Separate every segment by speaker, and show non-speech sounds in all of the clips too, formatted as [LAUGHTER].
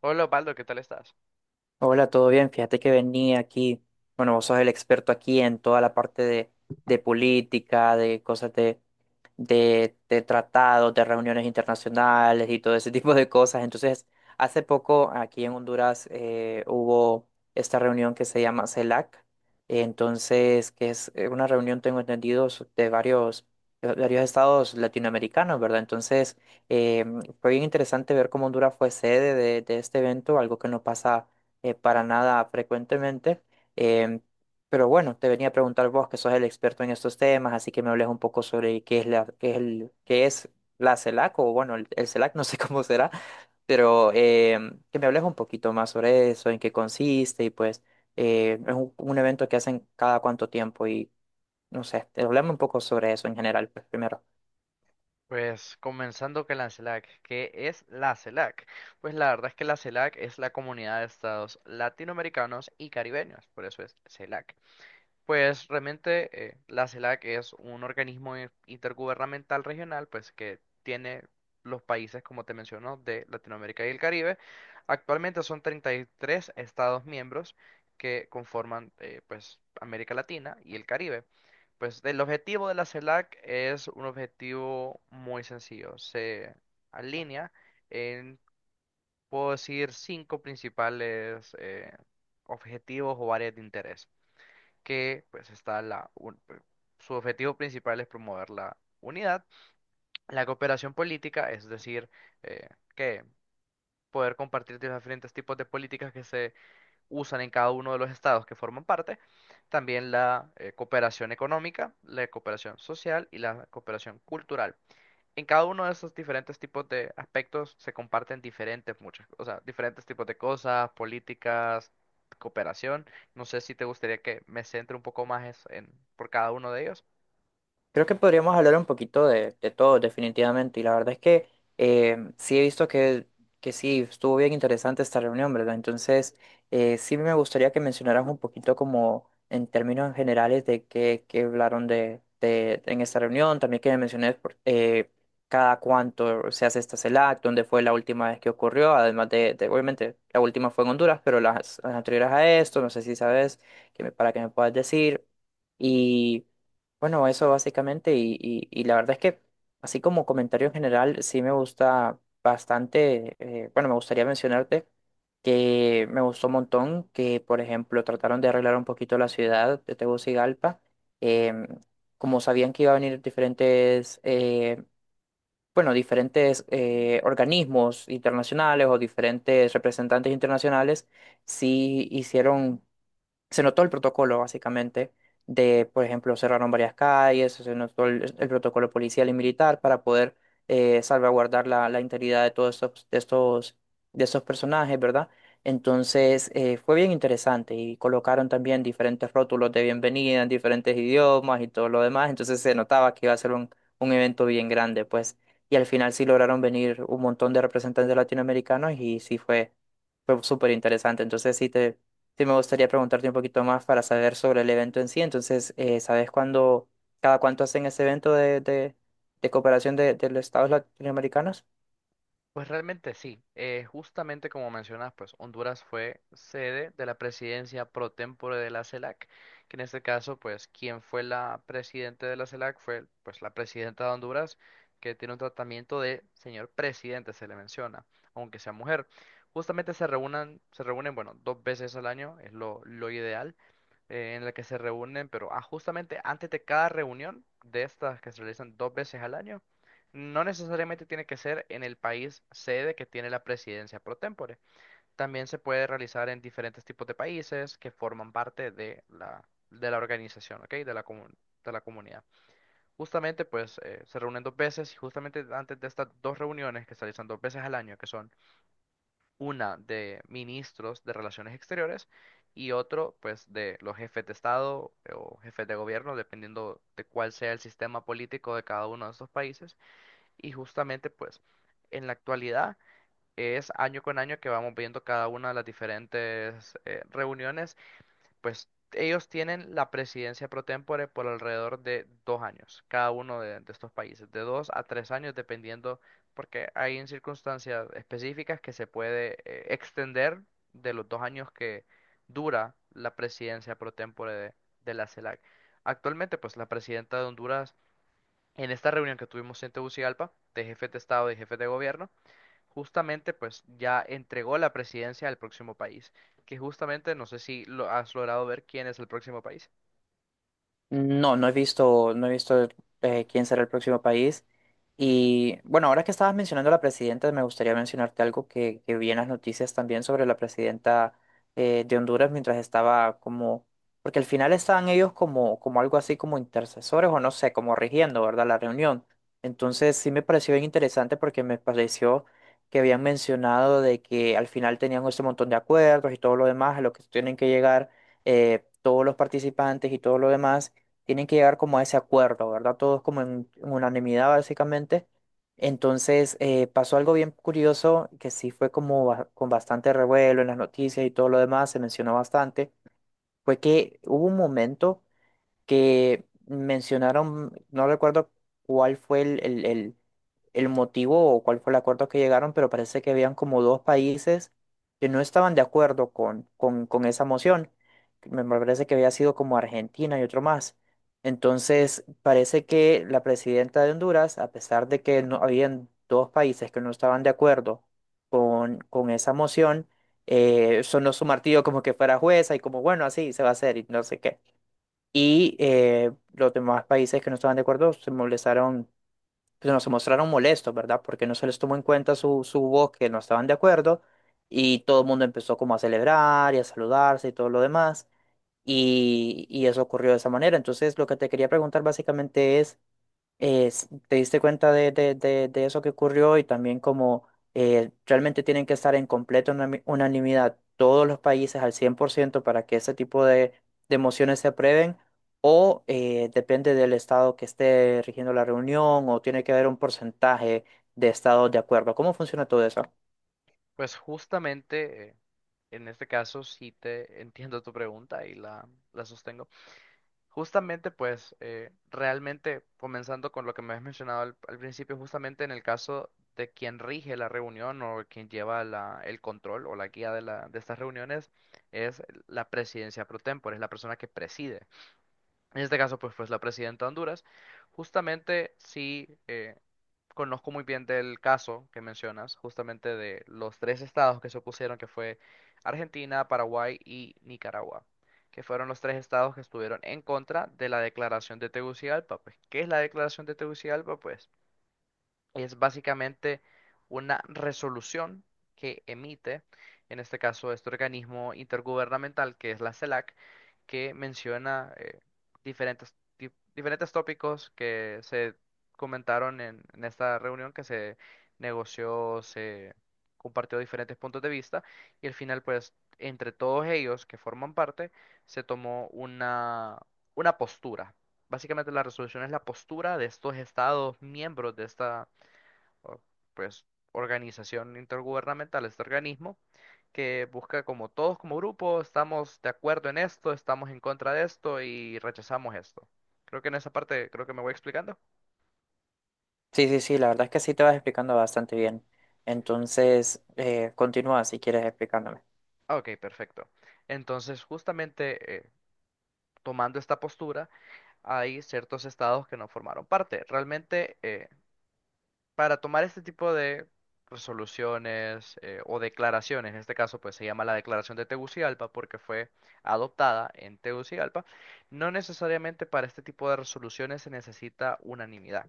Speaker 1: Hola Osvaldo, ¿qué tal estás?
Speaker 2: Hola, ¿todo bien? Fíjate que venía aquí, bueno, vos sos el experto aquí en toda la parte de política, de cosas de tratados, de reuniones internacionales y todo ese [LAUGHS] tipo de cosas. Entonces, hace poco aquí en Honduras hubo esta reunión que se llama CELAC, entonces, que es una reunión, tengo entendido, de varios estados latinoamericanos, ¿verdad? Entonces, eh, fue bien interesante ver cómo Honduras fue sede de este evento, algo que no pasa para nada frecuentemente. em, pero bueno, te venía a preguntar vos, que sos el experto en estos temas, así que me hables un poco sobre qué es qué es qué es la CELAC, o bueno, el CELAC, [LAUGHS] no sé cómo será, pero que me hables un poquito más sobre eso, en qué consiste, y pues es un evento que hacen cada cuánto tiempo, y no sé, te hablame un poco sobre eso en general, pues, primero.
Speaker 1: Pues comenzando con la CELAC. ¿Qué es la CELAC? Pues la verdad es que la CELAC es la comunidad de estados latinoamericanos y caribeños, por eso es CELAC. Pues realmente la CELAC es un organismo intergubernamental regional, pues que tiene los países, como te menciono, de Latinoamérica y el Caribe. Actualmente son 33 estados miembros que conforman pues América Latina y el Caribe. Pues el objetivo de la CELAC es un objetivo muy sencillo. Se alinea en, puedo decir, cinco principales objetivos o áreas de interés que pues está su objetivo principal es promover la unidad, la cooperación política, es decir, eh, que poder compartir diferentes tipos de políticas que se usan en cada uno de los estados que forman parte, también la cooperación económica, la cooperación social y la cooperación cultural. En cada uno de esos diferentes tipos de aspectos se comparten diferentes muchas, o sea, diferentes tipos de cosas, políticas, cooperación. No sé si te gustaría que me centre un poco más en, por cada uno de ellos.
Speaker 2: Creo que podríamos hablar un poquito de todo, definitivamente. Y la verdad es que sí he visto que sí, estuvo bien interesante esta reunión, ¿verdad? Entonces, sí me gustaría que mencionaras un poquito como en términos generales de qué hablaron en esta reunión. También que me menciones cada cuánto se hace esta CELAC, dónde fue la última vez que ocurrió, además obviamente, la última fue en Honduras, pero las anteriores a esto, no sé si sabes, para que me puedas decir. Bueno, eso básicamente, y la verdad es que, así como comentario en general, sí me gusta bastante, bueno, me gustaría mencionarte que me gustó un montón que, por ejemplo, trataron de arreglar un poquito la ciudad de Tegucigalpa, em, como sabían que iba a venir diferentes, bueno, diferentes organismos internacionales o diferentes representantes internacionales, sí hicieron, se notó el protocolo, básicamente, de, por ejemplo, cerraron varias calles, se notó el protocolo policial y militar para poder salvaguardar la integridad de todos estos, de estos personajes, ¿verdad? Entonces, fue bien interesante y colocaron también diferentes rótulos de bienvenida en diferentes idiomas y todo lo demás, entonces se notaba que iba a ser un evento bien grande, pues, y al final sí lograron venir un montón de representantes latinoamericanos y sí fue súper interesante, entonces sí te. Sí, me gustaría preguntarte un poquito más para saber sobre el evento en sí. Entonces, ¿sabes cuándo, cada cuánto hacen ese evento de cooperación de los estados latinoamericanos?
Speaker 1: Pues realmente sí, justamente como mencionas, pues Honduras fue sede de la presidencia pro tempore de la CELAC, que en este caso, pues quien fue la presidente de la CELAC fue pues la presidenta de Honduras, que tiene un tratamiento de señor presidente, se le menciona, aunque sea mujer. Se reúnen, bueno, dos veces al año, es lo ideal en la que se reúnen, pero justamente antes de cada reunión de estas que se realizan dos veces al año, no necesariamente tiene que ser en el país sede que tiene la presidencia pro tempore. También se puede realizar en diferentes tipos de países que forman parte de de la organización, ¿ok? De la comunidad. Justamente, pues, se reúnen dos veces y justamente antes de estas dos reuniones que se realizan dos veces al año, que son una de ministros de Relaciones Exteriores y otro pues de los jefes de Estado o jefes de gobierno, dependiendo de cuál sea el sistema político de cada uno de estos países. Y justamente pues en la actualidad es año con año que vamos viendo cada una de las diferentes reuniones. Pues ellos tienen la presidencia pro tempore por alrededor de dos años, cada uno de estos países, de dos a tres años, dependiendo, porque hay en circunstancias específicas que se puede extender de los dos años que dura la presidencia pro tempore de la CELAC. Actualmente, pues la presidenta de Honduras, en esta reunión que tuvimos en Tegucigalpa, de jefes de Estado y jefes de gobierno, justamente pues ya entregó la presidencia al próximo país, que justamente, no sé si lo has logrado ver quién es el próximo país.
Speaker 2: No, no he visto quién será el próximo país. Y bueno, ahora que estabas mencionando a la presidenta, me gustaría mencionarte algo que vi en las noticias también sobre la presidenta de Honduras mientras estaba como, porque al final estaban ellos como, como algo así como intercesores o no sé, como rigiendo, ¿verdad? La reunión. Entonces sí me pareció bien interesante porque me pareció que habían mencionado de que al final tenían este montón de acuerdos y todo lo demás a lo que tienen que llegar todos los participantes y todo lo demás tienen que llegar como a ese acuerdo, ¿verdad? Todos como en unanimidad básicamente. Entonces pasó algo bien curioso que sí fue como con bastante revuelo en las noticias y todo lo demás, se mencionó bastante, fue que hubo un momento que mencionaron, no recuerdo cuál fue el motivo o cuál fue el acuerdo que llegaron, pero parece que habían como dos países que no estaban de acuerdo con esa moción. Me parece que había sido como Argentina y otro más. Entonces, parece que la presidenta de Honduras, a pesar de que no habían dos países que no estaban de acuerdo con esa moción, sonó su martillo como que fuera jueza y como, bueno, así se va a hacer y no sé qué. Y los demás países que no estaban de acuerdo se molestaron, pues, no, se mostraron molestos, ¿verdad? Porque no se les tomó en cuenta su voz, que no estaban de acuerdo, y todo el mundo empezó como a celebrar y a saludarse y todo lo demás, y eso ocurrió de esa manera. Entonces, lo que te quería preguntar básicamente es, s- te diste cuenta de eso que ocurrió y también como realmente tienen que estar en completa unanimidad todos los países al 100% para que ese tipo de mociones se aprueben o depende del estado que esté rigiendo la reunión o tiene que haber un porcentaje de estados de acuerdo. ¿Cómo funciona todo eso?
Speaker 1: Pues justamente, en este caso sí te entiendo tu pregunta y la sostengo. Justamente pues realmente comenzando con lo que me has mencionado al principio, justamente en el caso de quien rige la reunión o quien lleva el control o la guía de, la, de estas reuniones es la presidencia pro tempore, es la persona que preside. En este caso, pues la presidenta de Honduras. Justamente sí, conozco muy bien del caso que mencionas, justamente de los tres estados que se opusieron, que fue Argentina, Paraguay y Nicaragua, que fueron los tres estados que estuvieron en contra de la declaración de Tegucigalpa. Pues, ¿qué es la declaración de Tegucigalpa? Pues es básicamente una resolución que emite, en este caso, este organismo intergubernamental que es la CELAC, que menciona diferentes, di- diferentes tópicos que se comentaron en esta reunión, que se negoció, se compartió diferentes puntos de vista y al final, pues, entre todos ellos que forman parte, se tomó una postura. Básicamente la resolución es la postura de estos estados miembros de esta o, pues, organización intergubernamental, este organismo, que busca como todos como grupo, estamos de acuerdo en esto, estamos en contra de esto y rechazamos esto. Creo que en esa parte, creo que me voy explicando.
Speaker 2: Sí, sí, sí, la verdad es que sí te vas explicando bastante bien. Entonces, continúa si quieres explicándome.
Speaker 1: Ah, ok, perfecto. Entonces, justamente tomando esta postura, hay ciertos estados que no formaron parte. Realmente, para tomar este tipo de pues, soluciones o declaraciones, en este caso pues se llama la Declaración de Tegucigalpa porque fue adoptada en Tegucigalpa, no necesariamente para este tipo de resoluciones se necesita unanimidad.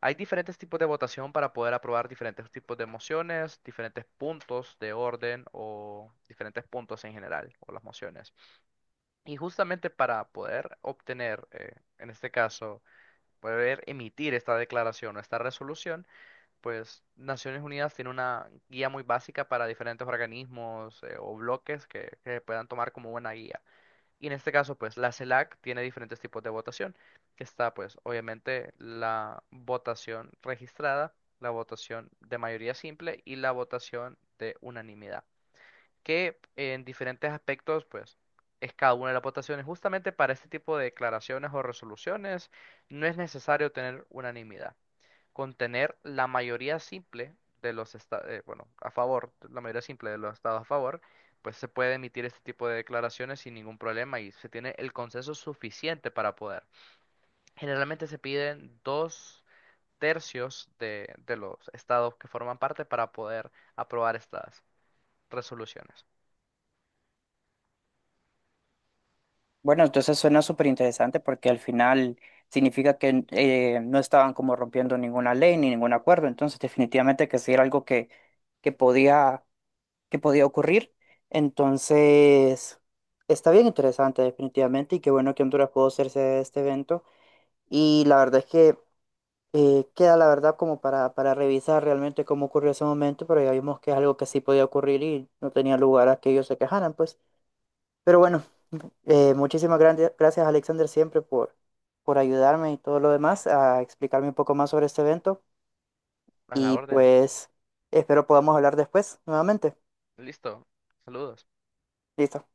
Speaker 1: Hay diferentes tipos de votación para poder aprobar diferentes tipos de mociones, diferentes puntos de orden o diferentes puntos en general o las mociones. Y justamente para poder obtener, en este caso, poder emitir esta declaración o esta resolución, pues Naciones Unidas tiene una guía muy básica para diferentes organismos o bloques que puedan tomar como buena guía. Y en este caso, pues la CELAC tiene diferentes tipos de votación, que está pues obviamente la votación registrada, la votación de mayoría simple y la votación de unanimidad, que en diferentes aspectos pues es cada una de las votaciones. Justamente para este tipo de declaraciones o resoluciones no es necesario tener unanimidad, contener la mayoría simple de los estados, bueno, a favor, la mayoría simple de los estados a favor, pues se puede emitir este tipo de declaraciones sin ningún problema y se tiene el consenso suficiente para poder. Generalmente se piden dos tercios de los estados que forman parte para poder aprobar estas resoluciones.
Speaker 2: Bueno, entonces suena súper interesante porque al final significa que no estaban como rompiendo ninguna ley ni ningún acuerdo, entonces definitivamente que sí era algo que podía, que podía ocurrir. Entonces, está bien interesante definitivamente y qué bueno que Honduras pudo hacerse este evento. Y la verdad es que queda la verdad como para revisar realmente cómo ocurrió ese momento, pero ya vimos que es algo que sí podía ocurrir y no tenía lugar a que ellos se quejaran, pues. Pero bueno, muchísimas gracias, Alexander, siempre por ayudarme y todo lo demás a explicarme un poco más sobre este evento,
Speaker 1: A la
Speaker 2: y
Speaker 1: orden.
Speaker 2: pues espero podamos hablar después nuevamente.
Speaker 1: Listo. Saludos.
Speaker 2: Listo.